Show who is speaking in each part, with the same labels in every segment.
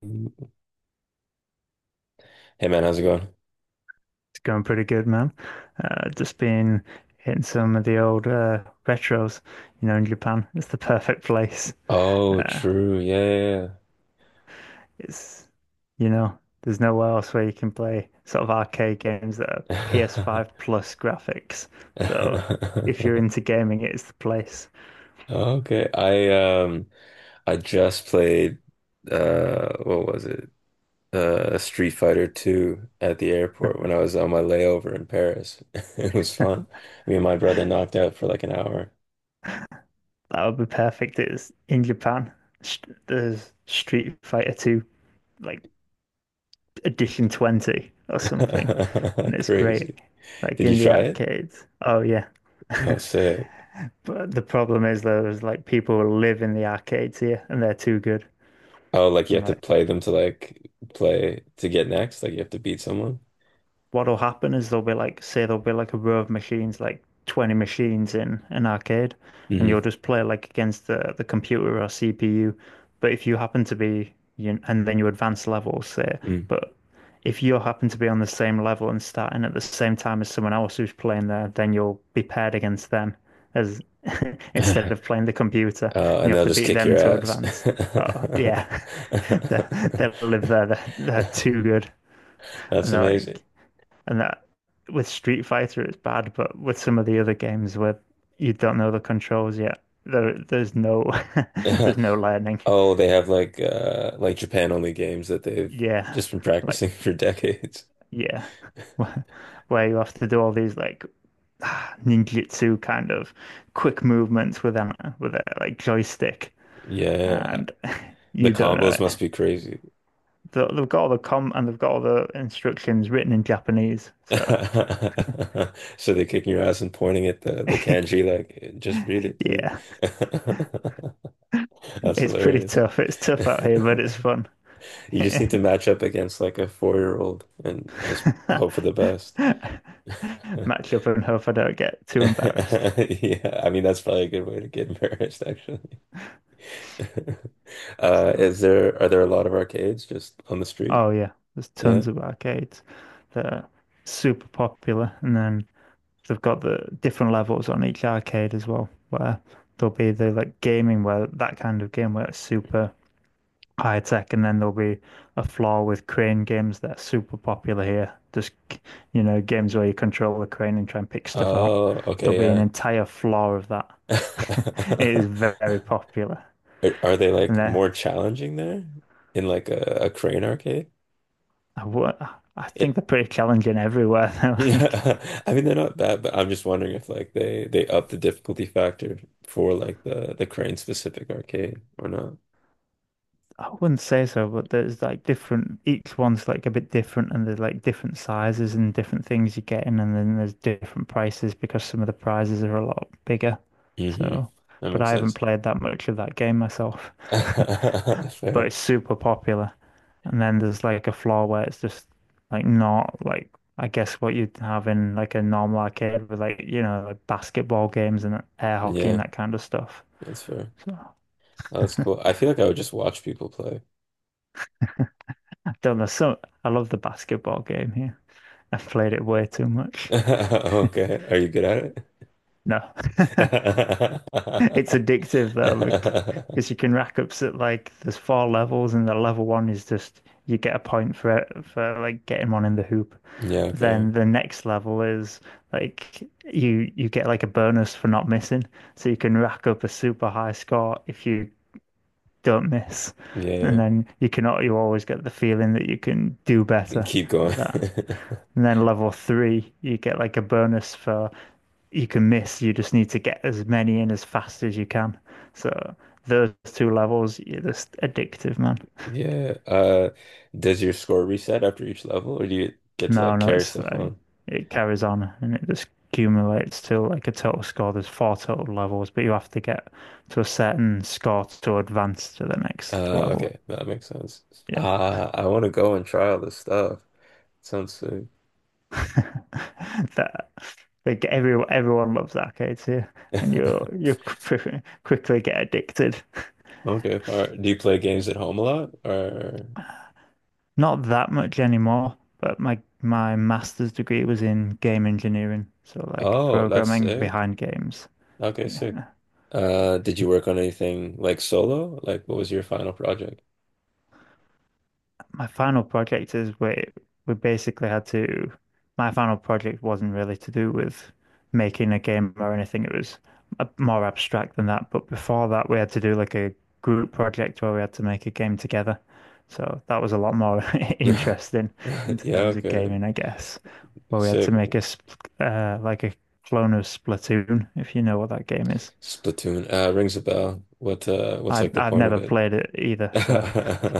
Speaker 1: Hey man, how's it going?
Speaker 2: It's going pretty good, man. Just been hitting some of the old retros, in Japan. It's the perfect place.
Speaker 1: Oh,
Speaker 2: Uh,
Speaker 1: true. Yeah,
Speaker 2: it's, you know, there's nowhere else where you can play sort of arcade games that are
Speaker 1: yeah,
Speaker 2: PS5 plus graphics. So if
Speaker 1: yeah.
Speaker 2: you're into gaming, it's the place.
Speaker 1: Okay. I just played what was it? Street Fighter 2 at the airport when I was on my layover in Paris. It was fun. Me and my brother knocked out for like an hour.
Speaker 2: That would be perfect. It's in Japan. Sh- There's Street Fighter 2, like edition 20 or something, and it's great,
Speaker 1: Crazy.
Speaker 2: like
Speaker 1: Did you
Speaker 2: in the
Speaker 1: try it?
Speaker 2: arcades. Oh, yeah.
Speaker 1: Oh, sick.
Speaker 2: But the problem is, though, is like people live in the arcades here and they're too good.
Speaker 1: Oh, like you
Speaker 2: And
Speaker 1: have to
Speaker 2: like,
Speaker 1: play them to like play to get next, like you have to beat someone.
Speaker 2: what'll happen is there'll be like, say there'll be like a row of machines, like 20 machines in an arcade, and you'll just play like against the computer or CPU. But if you happen to be, you, and then you advance levels, say,
Speaker 1: hmm
Speaker 2: but if you happen to be on the same level and starting at the same time as someone else who's playing there, then you'll be paired against them as instead of playing the computer,
Speaker 1: Oh,
Speaker 2: and you
Speaker 1: and
Speaker 2: have
Speaker 1: they'll
Speaker 2: to
Speaker 1: just
Speaker 2: beat
Speaker 1: kick
Speaker 2: them
Speaker 1: your
Speaker 2: to
Speaker 1: ass.
Speaker 2: advance. Oh, yeah, they will live there. They're too good,
Speaker 1: That's
Speaker 2: and they're
Speaker 1: amazing.
Speaker 2: like, and that with Street Fighter, it's bad, but with some of the other games where you don't know the controls yet, there's no there's no learning.
Speaker 1: Oh, they have like Japan only games that they've
Speaker 2: Yeah,
Speaker 1: just been
Speaker 2: like
Speaker 1: practicing for decades.
Speaker 2: yeah, where you have to do all these like ninjutsu kind of quick movements with a like joystick,
Speaker 1: Yeah, uh,
Speaker 2: and
Speaker 1: the
Speaker 2: you don't know
Speaker 1: combos
Speaker 2: it.
Speaker 1: must be crazy.
Speaker 2: They've got all the com and they've got all the instructions written in Japanese, so
Speaker 1: So they're kicking your ass and pointing at the kanji like just read it, dude.
Speaker 2: yeah,
Speaker 1: That's
Speaker 2: it's pretty
Speaker 1: hilarious.
Speaker 2: tough. It's tough out here, but it's fun.
Speaker 1: You just need to match up against like a four-year-old and just hope for the best.
Speaker 2: Match up and hope I don't get too embarrassed.
Speaker 1: Yeah, I mean that's probably a good way to get embarrassed, actually.
Speaker 2: So,
Speaker 1: Is there are there a lot of arcades just on the street?
Speaker 2: oh yeah, there's
Speaker 1: Yeah.
Speaker 2: tons of arcades that are super popular, and then they've got the different levels on each arcade as well, where there'll be the like gaming where that kind of game where it's super high tech, and then there'll be a floor with crane games that are super popular here. Just, games where you control the crane and try and pick stuff out.
Speaker 1: Oh,
Speaker 2: There'll
Speaker 1: okay,
Speaker 2: be an
Speaker 1: yeah.
Speaker 2: entire floor of that. It is very popular,
Speaker 1: Are they
Speaker 2: and
Speaker 1: like more challenging there in like a crane arcade?
Speaker 2: I, I think
Speaker 1: It,
Speaker 2: they're pretty challenging everywhere. They're like
Speaker 1: I mean they're not bad, but I'm just wondering if like they up the difficulty factor for like the crane specific arcade or not.
Speaker 2: I wouldn't say so, but there's like different, each one's like a bit different, and there's like different sizes and different things you're getting, and then there's different prices because some of the prizes are a lot bigger.
Speaker 1: hmm
Speaker 2: So,
Speaker 1: That
Speaker 2: but
Speaker 1: makes
Speaker 2: I haven't
Speaker 1: sense.
Speaker 2: played that much of that game myself, but
Speaker 1: Fair.
Speaker 2: it's super popular. And then there's like a floor where it's just like not like, I guess what you'd have in like a normal arcade with like, like basketball games and air hockey and
Speaker 1: Yeah,
Speaker 2: that kind of stuff.
Speaker 1: that's fair.
Speaker 2: So,
Speaker 1: Oh, that's cool. I feel like I would just watch people play.
Speaker 2: I don't know. So, I love the basketball game here. I've played it way too much.
Speaker 1: Okay. Are you good at it?
Speaker 2: No, it's addictive though, because you can rack up so like there's four levels, and the level one is just you get a point for it, for like getting one in the hoop.
Speaker 1: Yeah,
Speaker 2: But
Speaker 1: okay.
Speaker 2: then the next level is like you get like a bonus for not missing, so you can rack up a super high score if you don't miss, and
Speaker 1: Yeah,
Speaker 2: then you cannot you always get the feeling that you can do
Speaker 1: yeah.
Speaker 2: better
Speaker 1: Keep going.
Speaker 2: at that. And then level three, you get like a bonus for you can miss. You just need to get as many in as fast as you can. So those two levels, you're just addictive, man.
Speaker 1: Yeah. Does your score reset after each level or do you get to
Speaker 2: No,
Speaker 1: like
Speaker 2: no,
Speaker 1: carry
Speaker 2: it's
Speaker 1: stuff
Speaker 2: like
Speaker 1: on?
Speaker 2: it carries on and it just accumulates till like a total score. There's four total levels, but you have to get to a certain score to advance to the next
Speaker 1: Uh,
Speaker 2: level.
Speaker 1: okay. That makes sense.
Speaker 2: Yeah,
Speaker 1: I want to go and try all this stuff. Sounds sick.
Speaker 2: that like everyone loves arcades here, and you quickly get addicted.
Speaker 1: Okay. All right. Do you play games at home a lot or?
Speaker 2: Not that much anymore, but my master's degree was in game engineering, so like
Speaker 1: Oh, that's
Speaker 2: programming
Speaker 1: sick.
Speaker 2: behind games.
Speaker 1: Okay, sick.
Speaker 2: Yeah.
Speaker 1: Did you work on anything like solo? Like, what was your final project?
Speaker 2: My final project is we basically had to, my final project wasn't really to do with making a game or anything. It was more abstract than that. But before that, we had to do like a group project where we had to make a game together. So that was a lot more
Speaker 1: Yeah.
Speaker 2: interesting in
Speaker 1: Yeah,
Speaker 2: terms of
Speaker 1: okay.
Speaker 2: gaming, I guess, where we had to
Speaker 1: Sick.
Speaker 2: make like a clone of Splatoon, if you know what that game is.
Speaker 1: Splatoon. Rings a bell. What's
Speaker 2: I
Speaker 1: like the
Speaker 2: I've
Speaker 1: point of
Speaker 2: never
Speaker 1: it?
Speaker 2: played it either, so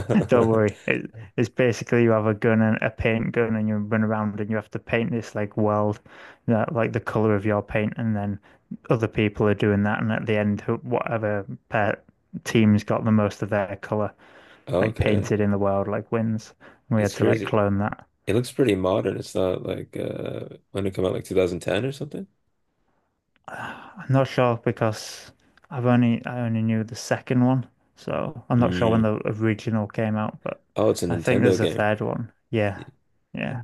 Speaker 2: don't worry. It's basically you have a gun and a paint gun and you run around and you have to paint this like world that like the color of your paint and then other people are doing that and at the end whatever pair team's got the most of their color like
Speaker 1: Okay.
Speaker 2: painted in the world like wins. And we
Speaker 1: It's
Speaker 2: had to like
Speaker 1: crazy.
Speaker 2: clone that.
Speaker 1: It looks pretty modern. It's not like when it come out like 2010 or something?
Speaker 2: I'm not sure because I only knew the second one, so I'm not sure when
Speaker 1: Mm.
Speaker 2: the original came out, but
Speaker 1: Oh, it's a
Speaker 2: I think
Speaker 1: Nintendo
Speaker 2: there's a
Speaker 1: game.
Speaker 2: third one. Yeah.
Speaker 1: Y-
Speaker 2: Yeah.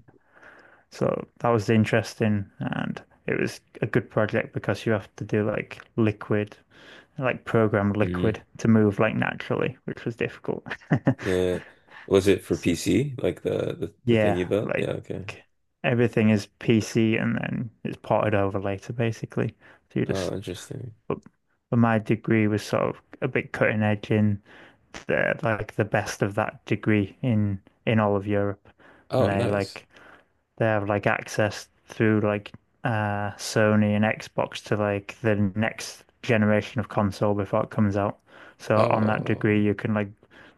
Speaker 2: So that was interesting, and it was a good project because you have to do like liquid, like program
Speaker 1: Mm.
Speaker 2: liquid to move like naturally, which was difficult.
Speaker 1: Yeah. Was it for
Speaker 2: So,
Speaker 1: PC? Like the thing
Speaker 2: yeah,
Speaker 1: you built?
Speaker 2: like
Speaker 1: Yeah, okay.
Speaker 2: everything is PC and then it's ported over later, basically. So you just,
Speaker 1: Oh, interesting.
Speaker 2: but, but my degree was sort of a bit cutting edge in the like the best of that degree in all of Europe, and
Speaker 1: Oh,
Speaker 2: they
Speaker 1: nice.
Speaker 2: like they have like access through like Sony and Xbox to like the next generation of console before it comes out. So on that degree,
Speaker 1: Oh.
Speaker 2: you can like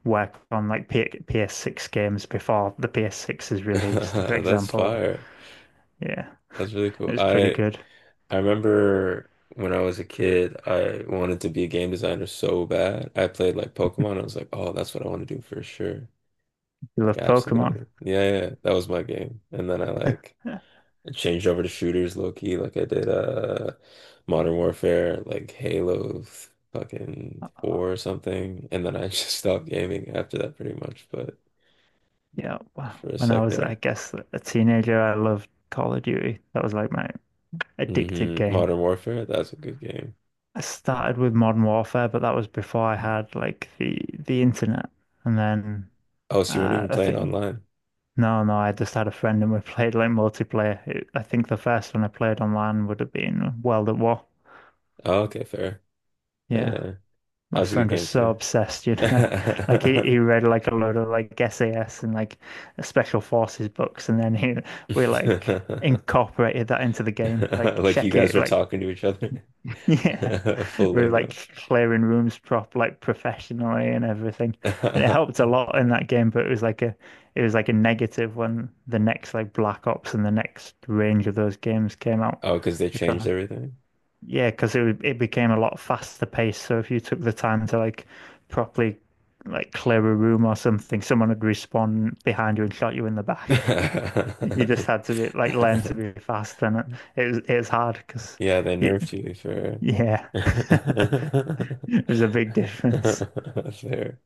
Speaker 2: work on like P PS6 games before the PS6 is released, for
Speaker 1: That's
Speaker 2: example.
Speaker 1: fire.
Speaker 2: Yeah,
Speaker 1: That's really cool.
Speaker 2: it's pretty
Speaker 1: I
Speaker 2: good.
Speaker 1: I remember when I was a kid, I wanted to be a game designer so bad. I played like Pokemon. I was like, oh, that's what I want to do for sure.
Speaker 2: You
Speaker 1: Like,
Speaker 2: love Pokemon.
Speaker 1: absolutely. Yeah, yeah, yeah. That was my game. And then I like
Speaker 2: Yeah,
Speaker 1: changed over to shooters low key. Like I did Modern Warfare, like Halo fucking four or something. And then I just stopped gaming after that pretty much. But
Speaker 2: yeah. Wow.
Speaker 1: for a
Speaker 2: When I
Speaker 1: sec
Speaker 2: was,
Speaker 1: there.
Speaker 2: I guess, a teenager, I loved Call of Duty. That was like my addicted game.
Speaker 1: Modern Warfare, that's a good game.
Speaker 2: I started with Modern Warfare, but that was before I had like the internet. And then
Speaker 1: Oh, so you weren't even
Speaker 2: I
Speaker 1: playing
Speaker 2: think
Speaker 1: online.
Speaker 2: no, no, I just had a friend and we played like multiplayer. I think the first one I played online would have been World at War.
Speaker 1: Oh, okay, fair.
Speaker 2: Yeah,
Speaker 1: Yeah, that
Speaker 2: my
Speaker 1: was a good
Speaker 2: friend was
Speaker 1: game
Speaker 2: so
Speaker 1: too.
Speaker 2: obsessed, like he read like a load of like SAS and like Special Forces books, and then he we like incorporated that into the game, like
Speaker 1: Like you
Speaker 2: check
Speaker 1: guys
Speaker 2: it,
Speaker 1: were
Speaker 2: like
Speaker 1: talking to each other.
Speaker 2: yeah.
Speaker 1: Full
Speaker 2: We were
Speaker 1: lingo.
Speaker 2: like clearing rooms prop like professionally and everything. And it helped a lot in that game, but it was like a negative when the next like Black Ops and the next range of those games came out.
Speaker 1: Oh, because they
Speaker 2: Because
Speaker 1: changed everything.
Speaker 2: yeah, because it became a lot faster paced. So if you took the time to like properly like clear a room or something, someone would respawn behind you and shot you in the back. You just had to be like learn to be fast, and it was hard because
Speaker 1: Yeah, they nerfed you for
Speaker 2: yeah. It was a big difference.
Speaker 1: fair.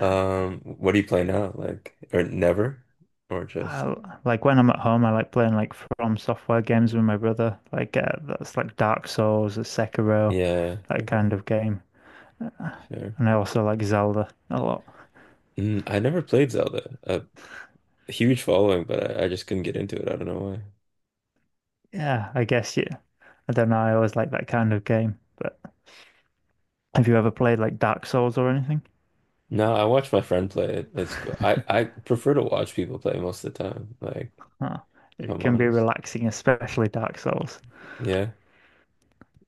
Speaker 1: What do you play now? Like, or never, or just
Speaker 2: I, like when I'm at home, I like playing like From Software games with my brother. Like that's like Dark Souls, Sekiro,
Speaker 1: yeah,
Speaker 2: that
Speaker 1: okay,
Speaker 2: kind of game.
Speaker 1: fair.
Speaker 2: And I also like Zelda a lot.
Speaker 1: Mm, I never played Zelda. A huge following, but I just couldn't get into it. I don't know why.
Speaker 2: Yeah, I guess yeah. I don't know. I always like that kind of game. But have you ever played like Dark Souls or anything?
Speaker 1: No, I watch my friend play it. It's cool. I prefer to watch people play most of the time, like
Speaker 2: Huh.
Speaker 1: if
Speaker 2: It
Speaker 1: I'm
Speaker 2: can be
Speaker 1: honest.
Speaker 2: relaxing, especially Dark Souls.
Speaker 1: Yeah.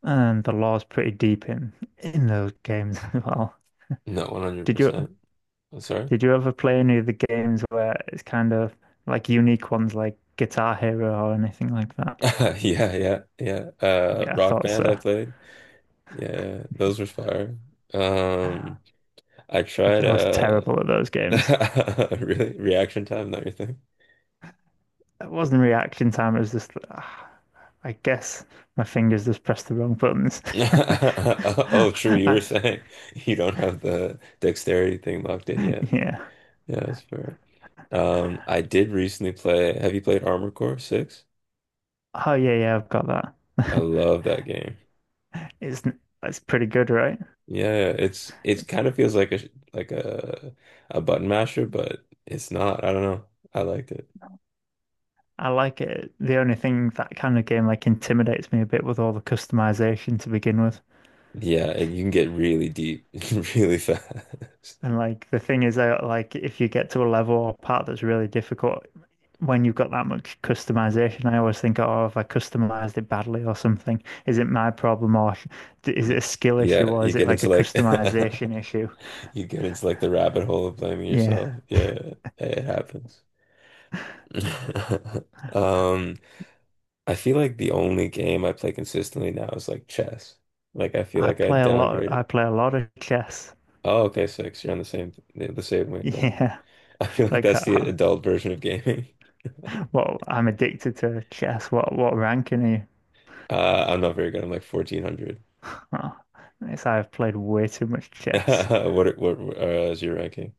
Speaker 2: And the lore's pretty deep in those games as well.
Speaker 1: No,
Speaker 2: Did you
Speaker 1: 100%. I'm sorry.
Speaker 2: Did you ever play any of the games where it's kind of like unique ones like Guitar Hero or anything like that?
Speaker 1: Yeah, yeah, yeah.
Speaker 2: Yeah, I
Speaker 1: Rock
Speaker 2: thought so.
Speaker 1: Band I played. Yeah, yeah, those were fire. Um, I
Speaker 2: Like
Speaker 1: tried
Speaker 2: I was terrible at those games.
Speaker 1: Really reaction time, not your thing.
Speaker 2: It wasn't reaction time, it was just I guess my fingers just pressed the wrong buttons.
Speaker 1: Oh, true. You were
Speaker 2: I,
Speaker 1: saying you don't have the dexterity thing locked in yet.
Speaker 2: yeah.
Speaker 1: Yeah, that's fair. I did recently play. Have you played Armored Core 6?
Speaker 2: Oh yeah, yeah, I've got that.
Speaker 1: I love that game.
Speaker 2: It's it's pretty good, right?
Speaker 1: Yeah, it's kind of feels like a sh- like a button masher, but it's not. I don't know. I liked it.
Speaker 2: I like it. The only thing that kind of game like intimidates me a bit with all the customization to begin with.
Speaker 1: Yeah, and you can get really deep really fast.
Speaker 2: And like the thing is that like if you get to a level or part that's really difficult, when you've got that much customization, I always think, oh, have I customized it badly or something? Is it my problem or is
Speaker 1: Y-
Speaker 2: it a skill issue
Speaker 1: Yeah,
Speaker 2: or
Speaker 1: you
Speaker 2: is it
Speaker 1: get
Speaker 2: like a
Speaker 1: into like
Speaker 2: customization issue?
Speaker 1: you get into like the rabbit hole of blaming
Speaker 2: Yeah,
Speaker 1: yourself. Yeah, it happens. Um, I feel like the only game I play consistently now is like chess. Like I feel
Speaker 2: I
Speaker 1: like I
Speaker 2: play a lot. I
Speaker 1: downgraded.
Speaker 2: play a lot of chess.
Speaker 1: Oh, okay, six. You're on the same wavelength.
Speaker 2: Yeah,
Speaker 1: I feel like
Speaker 2: like
Speaker 1: that's the adult version of gaming.
Speaker 2: well, I'm addicted to chess. What ranking are you?
Speaker 1: I'm not very good. I'm like 1400.
Speaker 2: Oh, it's I've played way too much chess.
Speaker 1: What are- what Is your ranking?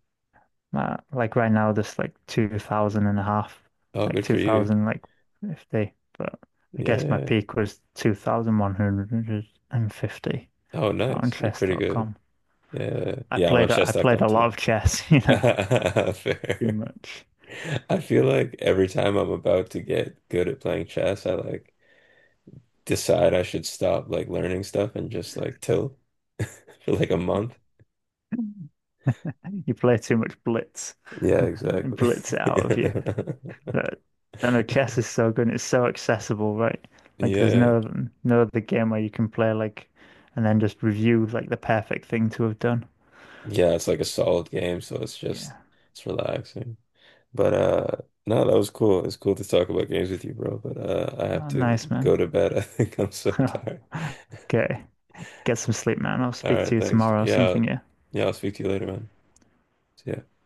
Speaker 2: Like right now, there's like 2,000 and a half,
Speaker 1: Oh,
Speaker 2: like
Speaker 1: good for you.
Speaker 2: 2,000, like 50. But I guess my
Speaker 1: Yeah.
Speaker 2: peak was 2,150
Speaker 1: Oh,
Speaker 2: on
Speaker 1: nice. You're pretty good.
Speaker 2: chess.com.
Speaker 1: Yeah.
Speaker 2: I
Speaker 1: Yeah, I'm on
Speaker 2: played, I played
Speaker 1: chess.com
Speaker 2: a lot
Speaker 1: too.
Speaker 2: of chess, too
Speaker 1: Fair.
Speaker 2: much.
Speaker 1: I feel like every time I'm about to get good at playing chess, I like decide I should stop like learning stuff and just like till for like a month.
Speaker 2: You play too much blitz,
Speaker 1: Yeah,
Speaker 2: it
Speaker 1: exactly.
Speaker 2: blitz it out of you. But I don't know, chess is so good and it's so accessible, right? Like there's
Speaker 1: Yeah.
Speaker 2: no other game where you can play like and then just review like the perfect thing to have done.
Speaker 1: Yeah, it's like a solid game, so it's
Speaker 2: Yeah.
Speaker 1: just it's relaxing. But no, that was cool. It's cool to talk about games with you, bro. But I have
Speaker 2: Oh,
Speaker 1: to
Speaker 2: nice
Speaker 1: go
Speaker 2: man.
Speaker 1: to bed. I think I'm so tired.
Speaker 2: Okay. Get some sleep, man. I'll
Speaker 1: All
Speaker 2: speak
Speaker 1: right,
Speaker 2: to you
Speaker 1: thanks.
Speaker 2: tomorrow or
Speaker 1: Yeah,
Speaker 2: something, yeah.
Speaker 1: yeah, I'll speak to you later, man. See ya.